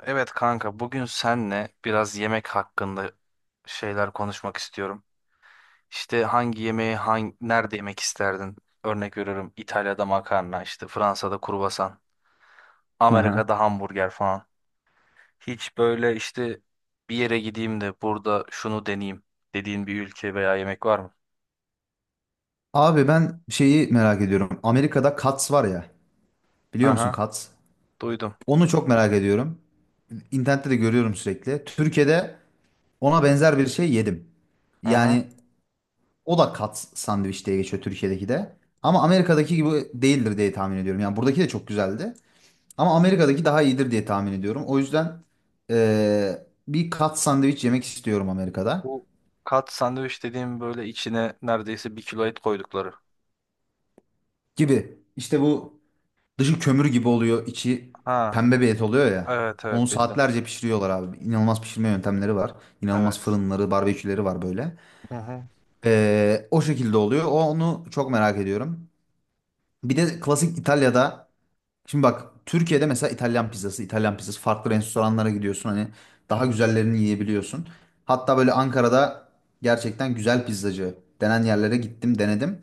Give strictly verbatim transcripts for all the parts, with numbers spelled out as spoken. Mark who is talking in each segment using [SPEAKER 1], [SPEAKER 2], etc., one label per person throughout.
[SPEAKER 1] Evet kanka bugün senle biraz yemek hakkında şeyler konuşmak istiyorum. İşte hangi yemeği hangi, nerede yemek isterdin? Örnek veriyorum İtalya'da makarna, işte Fransa'da kruvasan,
[SPEAKER 2] Aha.
[SPEAKER 1] Amerika'da hamburger falan. Hiç böyle işte bir yere gideyim de burada şunu deneyeyim dediğin bir ülke veya yemek var mı?
[SPEAKER 2] Abi ben şeyi merak ediyorum. Amerika'da Cats var ya. Biliyor musun
[SPEAKER 1] Aha,
[SPEAKER 2] Cats?
[SPEAKER 1] duydum.
[SPEAKER 2] Onu çok merak ediyorum. İnternette de görüyorum sürekli. Türkiye'de ona benzer bir şey yedim.
[SPEAKER 1] Aha.
[SPEAKER 2] Yani o da Cats sandviç diye geçiyor Türkiye'deki de. Ama Amerika'daki gibi değildir diye tahmin ediyorum. Yani buradaki de çok güzeldi. Ama Amerika'daki daha iyidir diye tahmin ediyorum. O yüzden eee, bir Cats sandviç yemek istiyorum Amerika'da
[SPEAKER 1] Bu kat sandviç dediğim böyle içine neredeyse bir kilo et koydukları.
[SPEAKER 2] gibi. İşte bu dışı kömür gibi oluyor, içi
[SPEAKER 1] Ha,
[SPEAKER 2] pembe bir et oluyor ya.
[SPEAKER 1] evet
[SPEAKER 2] Onu
[SPEAKER 1] evet bildim.
[SPEAKER 2] saatlerce pişiriyorlar abi. İnanılmaz pişirme yöntemleri var. İnanılmaz
[SPEAKER 1] Evet.
[SPEAKER 2] fırınları, barbeküleri var böyle.
[SPEAKER 1] Hı hı.
[SPEAKER 2] Ee, o şekilde oluyor. O- Onu çok merak ediyorum. Bir de klasik İtalya'da. Şimdi bak Türkiye'de mesela İtalyan pizzası, İtalyan pizzası farklı restoranlara gidiyorsun. Hani daha güzellerini yiyebiliyorsun. Hatta böyle Ankara'da gerçekten güzel pizzacı denen yerlere gittim, denedim.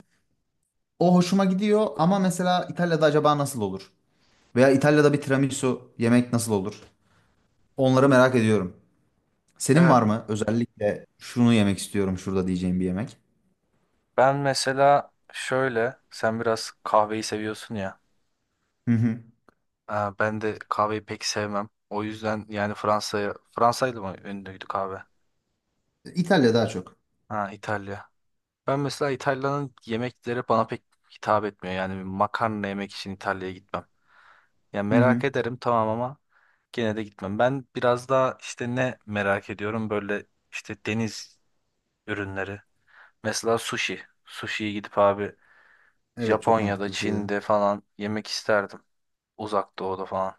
[SPEAKER 2] O hoşuma gidiyor ama mesela İtalya'da acaba nasıl olur? Veya İtalya'da bir tiramisu yemek nasıl olur? Onları merak ediyorum. Senin
[SPEAKER 1] Evet.
[SPEAKER 2] var mı özellikle şunu yemek istiyorum şurada diyeceğim bir yemek?
[SPEAKER 1] Ben mesela şöyle, sen biraz kahveyi seviyorsun ya.
[SPEAKER 2] Hı hı.
[SPEAKER 1] Aa, ben de kahveyi pek sevmem. O yüzden yani Fransa'ya, Fransa'ydı mı ünlüydü kahve?
[SPEAKER 2] İtalya daha çok.
[SPEAKER 1] Ha, İtalya. Ben mesela İtalya'nın yemekleri bana pek hitap etmiyor. Yani bir makarna yemek için İtalya'ya gitmem. Ya
[SPEAKER 2] Hı hı.
[SPEAKER 1] merak ederim tamam ama gene de gitmem. Ben biraz daha işte ne merak ediyorum böyle işte deniz ürünleri. Mesela sushi. Sushi'ye gidip abi
[SPEAKER 2] Evet, çok
[SPEAKER 1] Japonya'da,
[SPEAKER 2] mantıklı bir şey dedin.
[SPEAKER 1] Çin'de falan yemek isterdim. Uzak Doğu'da falan.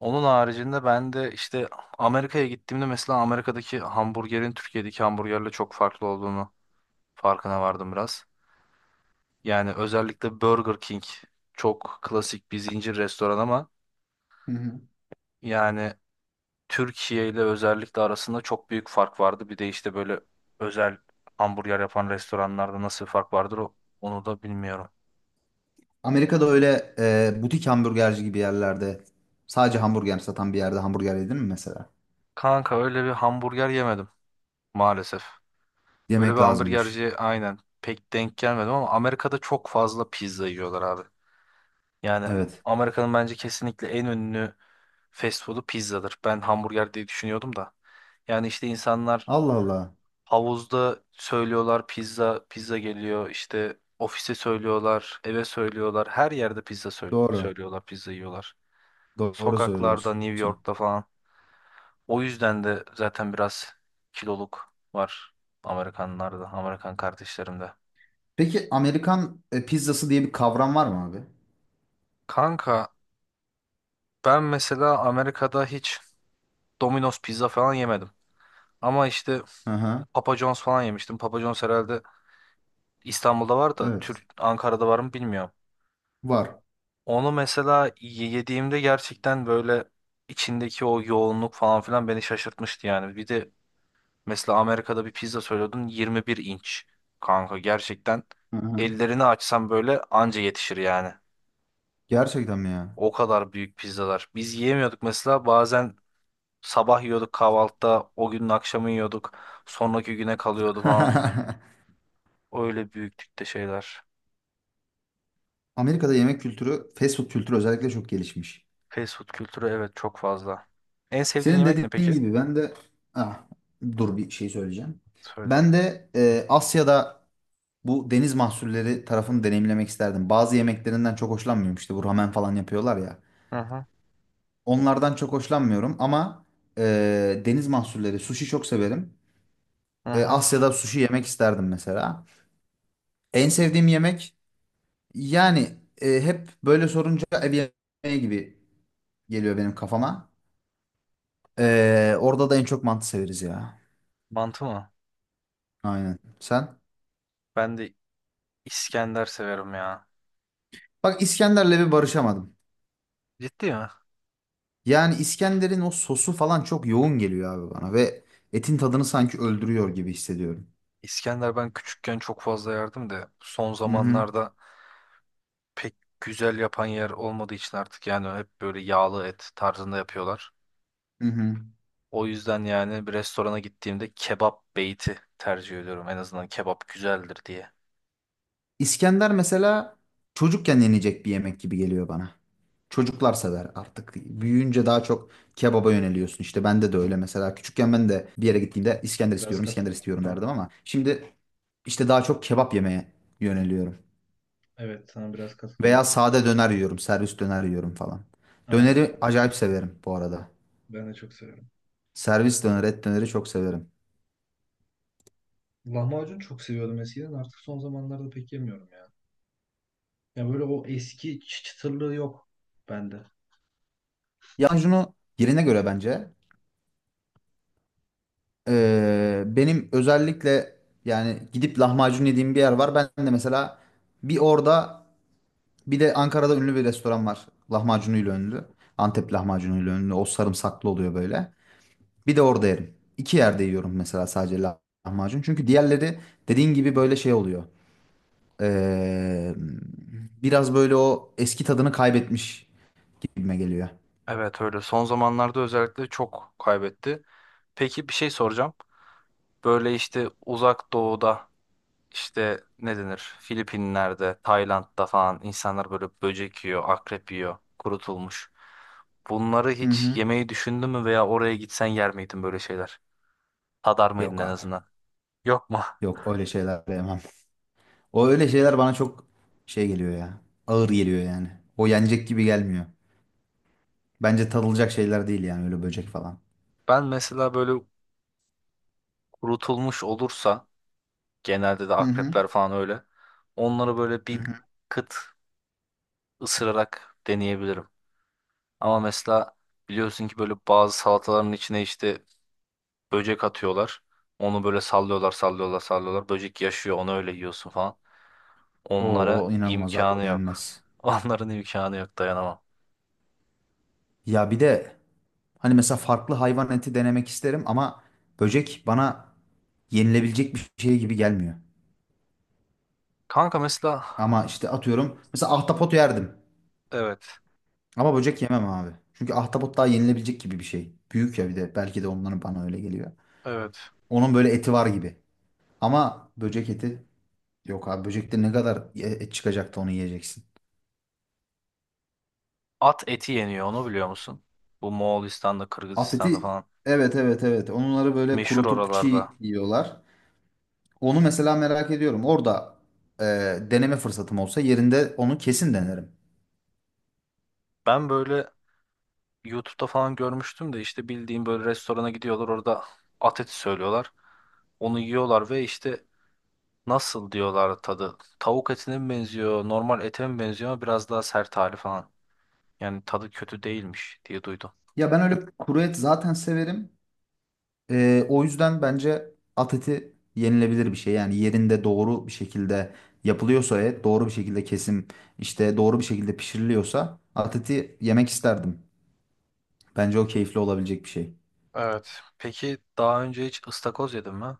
[SPEAKER 1] Onun haricinde ben de işte Amerika'ya gittiğimde mesela Amerika'daki hamburgerin Türkiye'deki hamburgerle çok farklı olduğunu farkına vardım biraz. Yani özellikle Burger King çok klasik bir zincir restoran ama
[SPEAKER 2] Hı hı.
[SPEAKER 1] yani Türkiye ile özellikle arasında çok büyük fark vardı. Bir de işte böyle özel hamburger yapan restoranlarda nasıl fark vardır o, onu da bilmiyorum.
[SPEAKER 2] Amerika'da öyle e, butik hamburgerci gibi yerlerde sadece hamburger satan bir yerde hamburger yedin mi mesela?
[SPEAKER 1] Kanka öyle bir hamburger yemedim maalesef. Öyle bir
[SPEAKER 2] Yemek lazımmış.
[SPEAKER 1] hamburgerci aynen pek denk gelmedim ama Amerika'da çok fazla pizza yiyorlar abi. Yani
[SPEAKER 2] Evet.
[SPEAKER 1] Amerika'nın bence kesinlikle en ünlü fast food'u pizzadır. Ben hamburger diye düşünüyordum da. Yani işte insanlar
[SPEAKER 2] Allah Allah.
[SPEAKER 1] havuzda söylüyorlar pizza, pizza geliyor. İşte ofise söylüyorlar, eve söylüyorlar. Her yerde pizza söy-
[SPEAKER 2] Doğru.
[SPEAKER 1] söylüyorlar, pizza yiyorlar.
[SPEAKER 2] Doğru
[SPEAKER 1] Sokaklarda,
[SPEAKER 2] söylüyorsun.
[SPEAKER 1] New York'ta falan. O yüzden de zaten biraz kiloluk var Amerikanlarda, Amerikan kardeşlerimde.
[SPEAKER 2] Peki Amerikan e, pizzası diye bir kavram var mı abi?
[SPEAKER 1] Kanka ben mesela Amerika'da hiç Domino's pizza falan yemedim. Ama işte
[SPEAKER 2] Hı hı.
[SPEAKER 1] Papa John's falan yemiştim. Papa John's herhalde İstanbul'da var da
[SPEAKER 2] Evet.
[SPEAKER 1] Türk Ankara'da var mı bilmiyorum.
[SPEAKER 2] Var.
[SPEAKER 1] Onu mesela ye- yediğimde gerçekten böyle içindeki o yoğunluk falan filan beni şaşırtmıştı yani. Bir de mesela Amerika'da bir pizza söylüyordun yirmi bir inç. Kanka gerçekten
[SPEAKER 2] Hı hı.
[SPEAKER 1] ellerini açsam böyle anca yetişir yani.
[SPEAKER 2] Gerçekten mi ya?
[SPEAKER 1] O kadar büyük pizzalar. Biz yiyemiyorduk mesela bazen sabah yiyorduk kahvaltıda, o günün akşamı yiyorduk. Sonraki güne kalıyordu falan. Öyle büyüklükte şeyler.
[SPEAKER 2] Amerika'da yemek kültürü, fast food kültürü özellikle çok gelişmiş.
[SPEAKER 1] Fast food kültürü evet çok fazla. En sevdiğin
[SPEAKER 2] Senin
[SPEAKER 1] yemek ne
[SPEAKER 2] dediğin
[SPEAKER 1] peki?
[SPEAKER 2] gibi ben de ah, dur bir şey söyleyeceğim.
[SPEAKER 1] Söyle.
[SPEAKER 2] Ben de e, Asya'da bu deniz mahsulleri tarafını deneyimlemek isterdim. Bazı yemeklerinden çok hoşlanmıyorum. İşte bu ramen falan yapıyorlar ya.
[SPEAKER 1] Hı hı.
[SPEAKER 2] Onlardan çok hoşlanmıyorum ama e, deniz mahsulleri, sushi çok severim.
[SPEAKER 1] Hı
[SPEAKER 2] E,
[SPEAKER 1] hı.
[SPEAKER 2] Asya'da sushi yemek isterdim mesela. En sevdiğim yemek yani e, hep böyle sorunca ev yemeği gibi geliyor benim kafama. Ee, orada da en çok mantı severiz ya.
[SPEAKER 1] Mantı mı?
[SPEAKER 2] Aynen. Sen?
[SPEAKER 1] Ben de İskender severim ya.
[SPEAKER 2] Bak İskender'le bir barışamadım.
[SPEAKER 1] Ciddi mi?
[SPEAKER 2] Yani İskender'in o sosu falan çok yoğun geliyor abi bana ve etin tadını sanki öldürüyor gibi hissediyorum.
[SPEAKER 1] İskender ben küçükken çok fazla yerdim de son
[SPEAKER 2] Hı hı.
[SPEAKER 1] zamanlarda pek güzel yapan yer olmadığı için artık yani hep böyle yağlı et tarzında yapıyorlar.
[SPEAKER 2] Hı hı.
[SPEAKER 1] O yüzden yani bir restorana gittiğimde kebap beyti tercih ediyorum. En azından kebap güzeldir diye.
[SPEAKER 2] İskender mesela çocukken yenecek bir yemek gibi geliyor bana. Çocuklar sever artık. Büyüyünce daha çok kebaba yöneliyorsun. İşte bende de öyle mesela. Küçükken ben de bir yere gittiğimde İskender
[SPEAKER 1] Biraz
[SPEAKER 2] istiyorum, İskender
[SPEAKER 1] katılıyorum.
[SPEAKER 2] istiyorum derdim ama şimdi işte daha çok kebap yemeye yöneliyorum.
[SPEAKER 1] Evet, sana biraz
[SPEAKER 2] Veya
[SPEAKER 1] katılıyorum.
[SPEAKER 2] sade döner yiyorum. Servis döner yiyorum falan.
[SPEAKER 1] Aynen.
[SPEAKER 2] Döneri acayip severim bu arada.
[SPEAKER 1] Ben de çok seviyorum.
[SPEAKER 2] Servis döner, et döneri çok severim.
[SPEAKER 1] Lahmacun çok seviyordum eskiden. Artık son zamanlarda pek yemiyorum ya. Ya böyle o eski çı- çıtırlığı yok bende.
[SPEAKER 2] Lahmacunu yerine göre bence. Ee, benim özellikle yani gidip lahmacun yediğim bir yer var. Ben de mesela bir orada bir de Ankara'da ünlü bir restoran var. Lahmacunuyla ünlü. Antep lahmacunuyla ünlü. O sarımsaklı oluyor böyle. Bir de orada yerim. İki yerde yiyorum mesela sadece lah- lahmacun. Çünkü diğerleri dediğin gibi böyle şey oluyor. Ee, Biraz böyle o eski tadını kaybetmiş gibime geliyor.
[SPEAKER 1] Evet öyle. Son zamanlarda özellikle çok kaybetti. Peki bir şey soracağım. Böyle işte uzak doğuda İşte ne denir Filipinler'de, Tayland'da falan insanlar böyle böcek yiyor, akrep yiyor, kurutulmuş. Bunları
[SPEAKER 2] Hı
[SPEAKER 1] hiç
[SPEAKER 2] hı.
[SPEAKER 1] yemeyi düşündün mü veya oraya gitsen yer miydin böyle şeyler? Tadar mıydın
[SPEAKER 2] Yok
[SPEAKER 1] en
[SPEAKER 2] abi.
[SPEAKER 1] azından? Yok mu?
[SPEAKER 2] Yok, öyle şeyler yemem. O öyle şeyler bana çok şey geliyor ya. Ağır geliyor yani. O yenecek gibi gelmiyor. Bence tadılacak şeyler değil yani öyle böcek falan.
[SPEAKER 1] Ben mesela böyle kurutulmuş olursa genelde de
[SPEAKER 2] Hı hı.
[SPEAKER 1] akrepler falan öyle. Onları böyle
[SPEAKER 2] Hı
[SPEAKER 1] bir
[SPEAKER 2] hı.
[SPEAKER 1] kıt ısırarak deneyebilirim. Ama mesela biliyorsun ki böyle bazı salataların içine işte böcek atıyorlar. Onu böyle sallıyorlar, sallıyorlar, sallıyorlar. Böcek yaşıyor, onu öyle yiyorsun falan.
[SPEAKER 2] O,
[SPEAKER 1] Onlara
[SPEAKER 2] o inanılmaz abi, o
[SPEAKER 1] imkanı yok.
[SPEAKER 2] yenmez.
[SPEAKER 1] Onların imkanı yok, dayanamam.
[SPEAKER 2] Ya bir de hani mesela farklı hayvan eti denemek isterim ama böcek bana yenilebilecek bir şey gibi gelmiyor.
[SPEAKER 1] Kanka mesela
[SPEAKER 2] Ama işte atıyorum mesela ahtapot yerdim.
[SPEAKER 1] evet,
[SPEAKER 2] Ama böcek yemem abi. Çünkü ahtapot daha yenilebilecek gibi bir şey. Büyük ya bir de. Belki de onların bana öyle geliyor.
[SPEAKER 1] evet.
[SPEAKER 2] Onun böyle eti var gibi. Ama böcek eti yok abi. Böcekte ne kadar ye- et çıkacak da onu yiyeceksin.
[SPEAKER 1] At eti yeniyor, onu biliyor musun? Bu Moğolistan'da,
[SPEAKER 2] At
[SPEAKER 1] Kırgızistan'da
[SPEAKER 2] eti
[SPEAKER 1] falan.
[SPEAKER 2] evet, evet, evet. Onları böyle
[SPEAKER 1] Meşhur
[SPEAKER 2] kurutup çiğ
[SPEAKER 1] oralarda.
[SPEAKER 2] yiyorlar. Onu mesela merak ediyorum. Orada e, deneme fırsatım olsa yerinde onu kesin denerim.
[SPEAKER 1] Ben böyle YouTube'da falan görmüştüm de işte bildiğim böyle restorana gidiyorlar orada at eti söylüyorlar. Onu yiyorlar ve işte nasıl diyorlar tadı? Tavuk etine mi benziyor, normal ete mi benziyor ama biraz daha sert hali falan. Yani tadı kötü değilmiş diye duydum.
[SPEAKER 2] Ya ben öyle kuru et zaten severim. Ee, o yüzden bence at eti yenilebilir bir şey. Yani yerinde doğru bir şekilde yapılıyorsa et, doğru bir şekilde kesim, işte doğru bir şekilde pişiriliyorsa at eti yemek isterdim. Bence o keyifli olabilecek bir şey.
[SPEAKER 1] Evet. Peki daha önce hiç ıstakoz yedin mi?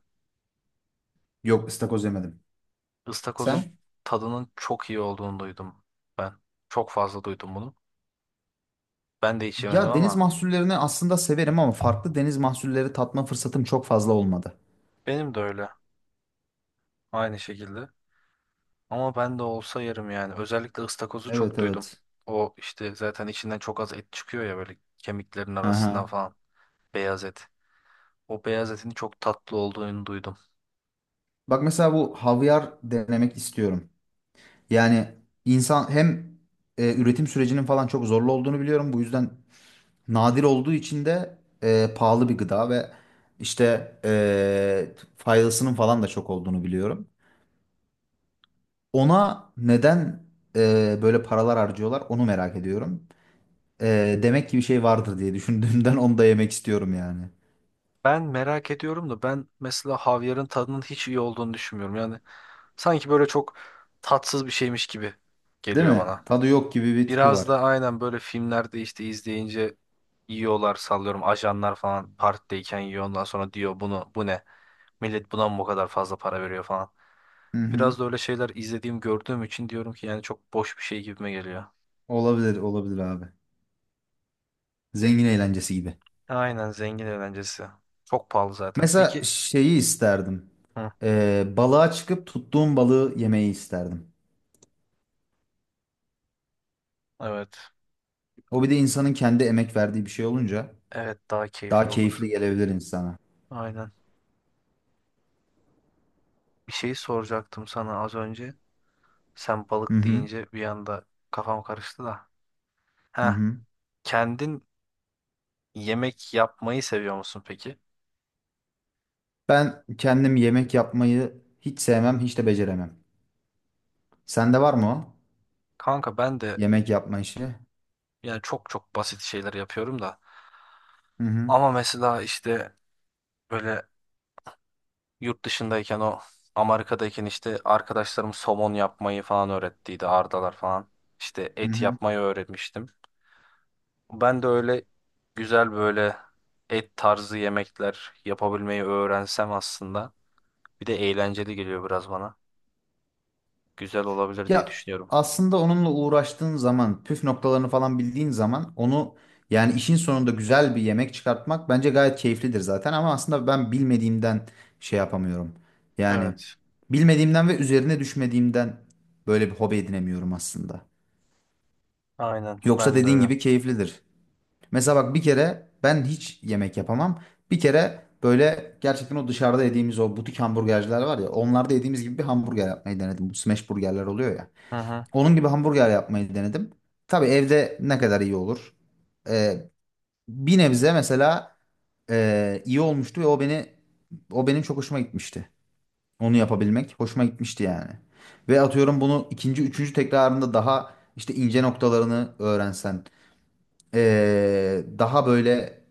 [SPEAKER 2] Yok, ıstakoz yemedim.
[SPEAKER 1] Istakozun
[SPEAKER 2] Sen?
[SPEAKER 1] tadının çok iyi olduğunu duydum ben. Çok fazla duydum bunu. Ben de hiç yemedim
[SPEAKER 2] Ya deniz
[SPEAKER 1] ama
[SPEAKER 2] mahsullerini aslında severim ama farklı deniz mahsulleri tatma fırsatım çok fazla olmadı.
[SPEAKER 1] benim de öyle. Aynı şekilde. Ama ben de olsa yerim yani. Özellikle ıstakozu
[SPEAKER 2] Evet,
[SPEAKER 1] çok duydum.
[SPEAKER 2] evet.
[SPEAKER 1] O işte zaten içinden çok az et çıkıyor ya böyle kemiklerin arasından
[SPEAKER 2] Aha.
[SPEAKER 1] falan. Beyaz et. O beyaz etin çok tatlı olduğunu duydum.
[SPEAKER 2] Bak mesela bu havyar denemek istiyorum. Yani insan hem e, üretim sürecinin falan çok zorlu olduğunu biliyorum. Bu yüzden nadir olduğu için de e, pahalı bir gıda ve işte e, faydasının falan da çok olduğunu biliyorum. Ona neden e, böyle paralar harcıyorlar onu merak ediyorum. E, demek ki bir şey vardır diye düşündüğümden onu da yemek istiyorum yani.
[SPEAKER 1] Ben merak ediyorum da ben mesela havyarın tadının hiç iyi olduğunu düşünmüyorum. Yani sanki böyle çok tatsız bir şeymiş gibi
[SPEAKER 2] Değil
[SPEAKER 1] geliyor
[SPEAKER 2] mi?
[SPEAKER 1] bana.
[SPEAKER 2] Tadı yok gibi bir tipi
[SPEAKER 1] Biraz
[SPEAKER 2] var.
[SPEAKER 1] da aynen böyle filmlerde işte izleyince yiyorlar sallıyorum ajanlar falan partideyken yiyor ondan sonra diyor bunu bu ne? Millet buna mı bu kadar fazla para veriyor falan.
[SPEAKER 2] Hı hı.
[SPEAKER 1] Biraz da öyle şeyler izlediğim gördüğüm için diyorum ki yani çok boş bir şey gibime geliyor.
[SPEAKER 2] Olabilir, olabilir abi. Zengin eğlencesi gibi.
[SPEAKER 1] Aynen zengin eğlencesi. Çok pahalı zaten.
[SPEAKER 2] Mesela
[SPEAKER 1] Peki.
[SPEAKER 2] şeyi isterdim.
[SPEAKER 1] Hı,
[SPEAKER 2] E, balığa çıkıp tuttuğum balığı yemeyi isterdim.
[SPEAKER 1] evet.
[SPEAKER 2] O bir de insanın kendi emek verdiği bir şey olunca.
[SPEAKER 1] Evet, daha
[SPEAKER 2] Daha
[SPEAKER 1] keyifli olur.
[SPEAKER 2] keyifli gelebilir insana.
[SPEAKER 1] Aynen. Bir şey soracaktım sana az önce. Sen
[SPEAKER 2] Hı
[SPEAKER 1] balık
[SPEAKER 2] hı.
[SPEAKER 1] deyince bir anda kafam karıştı da.
[SPEAKER 2] Hı
[SPEAKER 1] Heh,
[SPEAKER 2] hı.
[SPEAKER 1] kendin yemek yapmayı seviyor musun peki?
[SPEAKER 2] Ben kendim yemek yapmayı hiç sevmem, hiç de beceremem. Sende var mı o?
[SPEAKER 1] Kanka ben de
[SPEAKER 2] Yemek yapma işi.
[SPEAKER 1] yani çok çok basit şeyler yapıyorum da.
[SPEAKER 2] Hı hı.
[SPEAKER 1] Ama mesela işte böyle yurt dışındayken o Amerika'dayken işte arkadaşlarım somon yapmayı falan öğrettiydi. Ardalar falan. İşte
[SPEAKER 2] Hı
[SPEAKER 1] et
[SPEAKER 2] hı.
[SPEAKER 1] yapmayı öğretmiştim. Ben de öyle güzel böyle et tarzı yemekler yapabilmeyi öğrensem aslında. Bir de eğlenceli geliyor biraz bana. Güzel olabilir diye
[SPEAKER 2] Ya
[SPEAKER 1] düşünüyorum.
[SPEAKER 2] aslında onunla uğraştığın zaman, püf noktalarını falan bildiğin zaman onu yani işin sonunda güzel bir yemek çıkartmak bence gayet keyiflidir zaten ama aslında ben bilmediğimden şey yapamıyorum. Yani
[SPEAKER 1] Evet.
[SPEAKER 2] bilmediğimden ve üzerine düşmediğimden böyle bir hobi edinemiyorum aslında.
[SPEAKER 1] Aynen
[SPEAKER 2] Yoksa
[SPEAKER 1] ben de
[SPEAKER 2] dediğin
[SPEAKER 1] öyle.
[SPEAKER 2] gibi keyiflidir. Mesela bak bir kere ben hiç yemek yapamam. Bir kere böyle gerçekten o dışarıda yediğimiz o butik hamburgerciler var ya. Onlarda yediğimiz gibi bir hamburger yapmayı denedim. Bu smash burgerler oluyor ya.
[SPEAKER 1] Hı hı.
[SPEAKER 2] Onun gibi hamburger yapmayı denedim. Tabii evde ne kadar iyi olur. Ee, Bir nebze mesela e, iyi olmuştu ve o beni o benim çok hoşuma gitmişti. Onu yapabilmek hoşuma gitmişti yani. Ve atıyorum bunu ikinci, üçüncü tekrarında daha işte ince noktalarını öğrensen, ee, daha böyle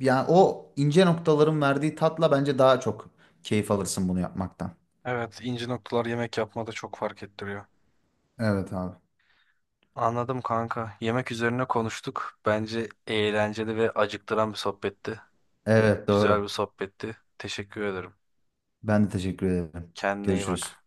[SPEAKER 2] yani o ince noktaların verdiği tatla bence daha çok keyif alırsın bunu yapmaktan.
[SPEAKER 1] Evet, ince noktalar yemek yapmada çok fark ettiriyor.
[SPEAKER 2] Evet abi.
[SPEAKER 1] Anladım kanka. Yemek üzerine konuştuk. Bence eğlenceli ve acıktıran bir sohbetti.
[SPEAKER 2] Evet,
[SPEAKER 1] Güzel
[SPEAKER 2] doğru.
[SPEAKER 1] bir sohbetti. Teşekkür ederim.
[SPEAKER 2] Ben de teşekkür ederim.
[SPEAKER 1] Kendine iyi
[SPEAKER 2] Görüşürüz.
[SPEAKER 1] bak.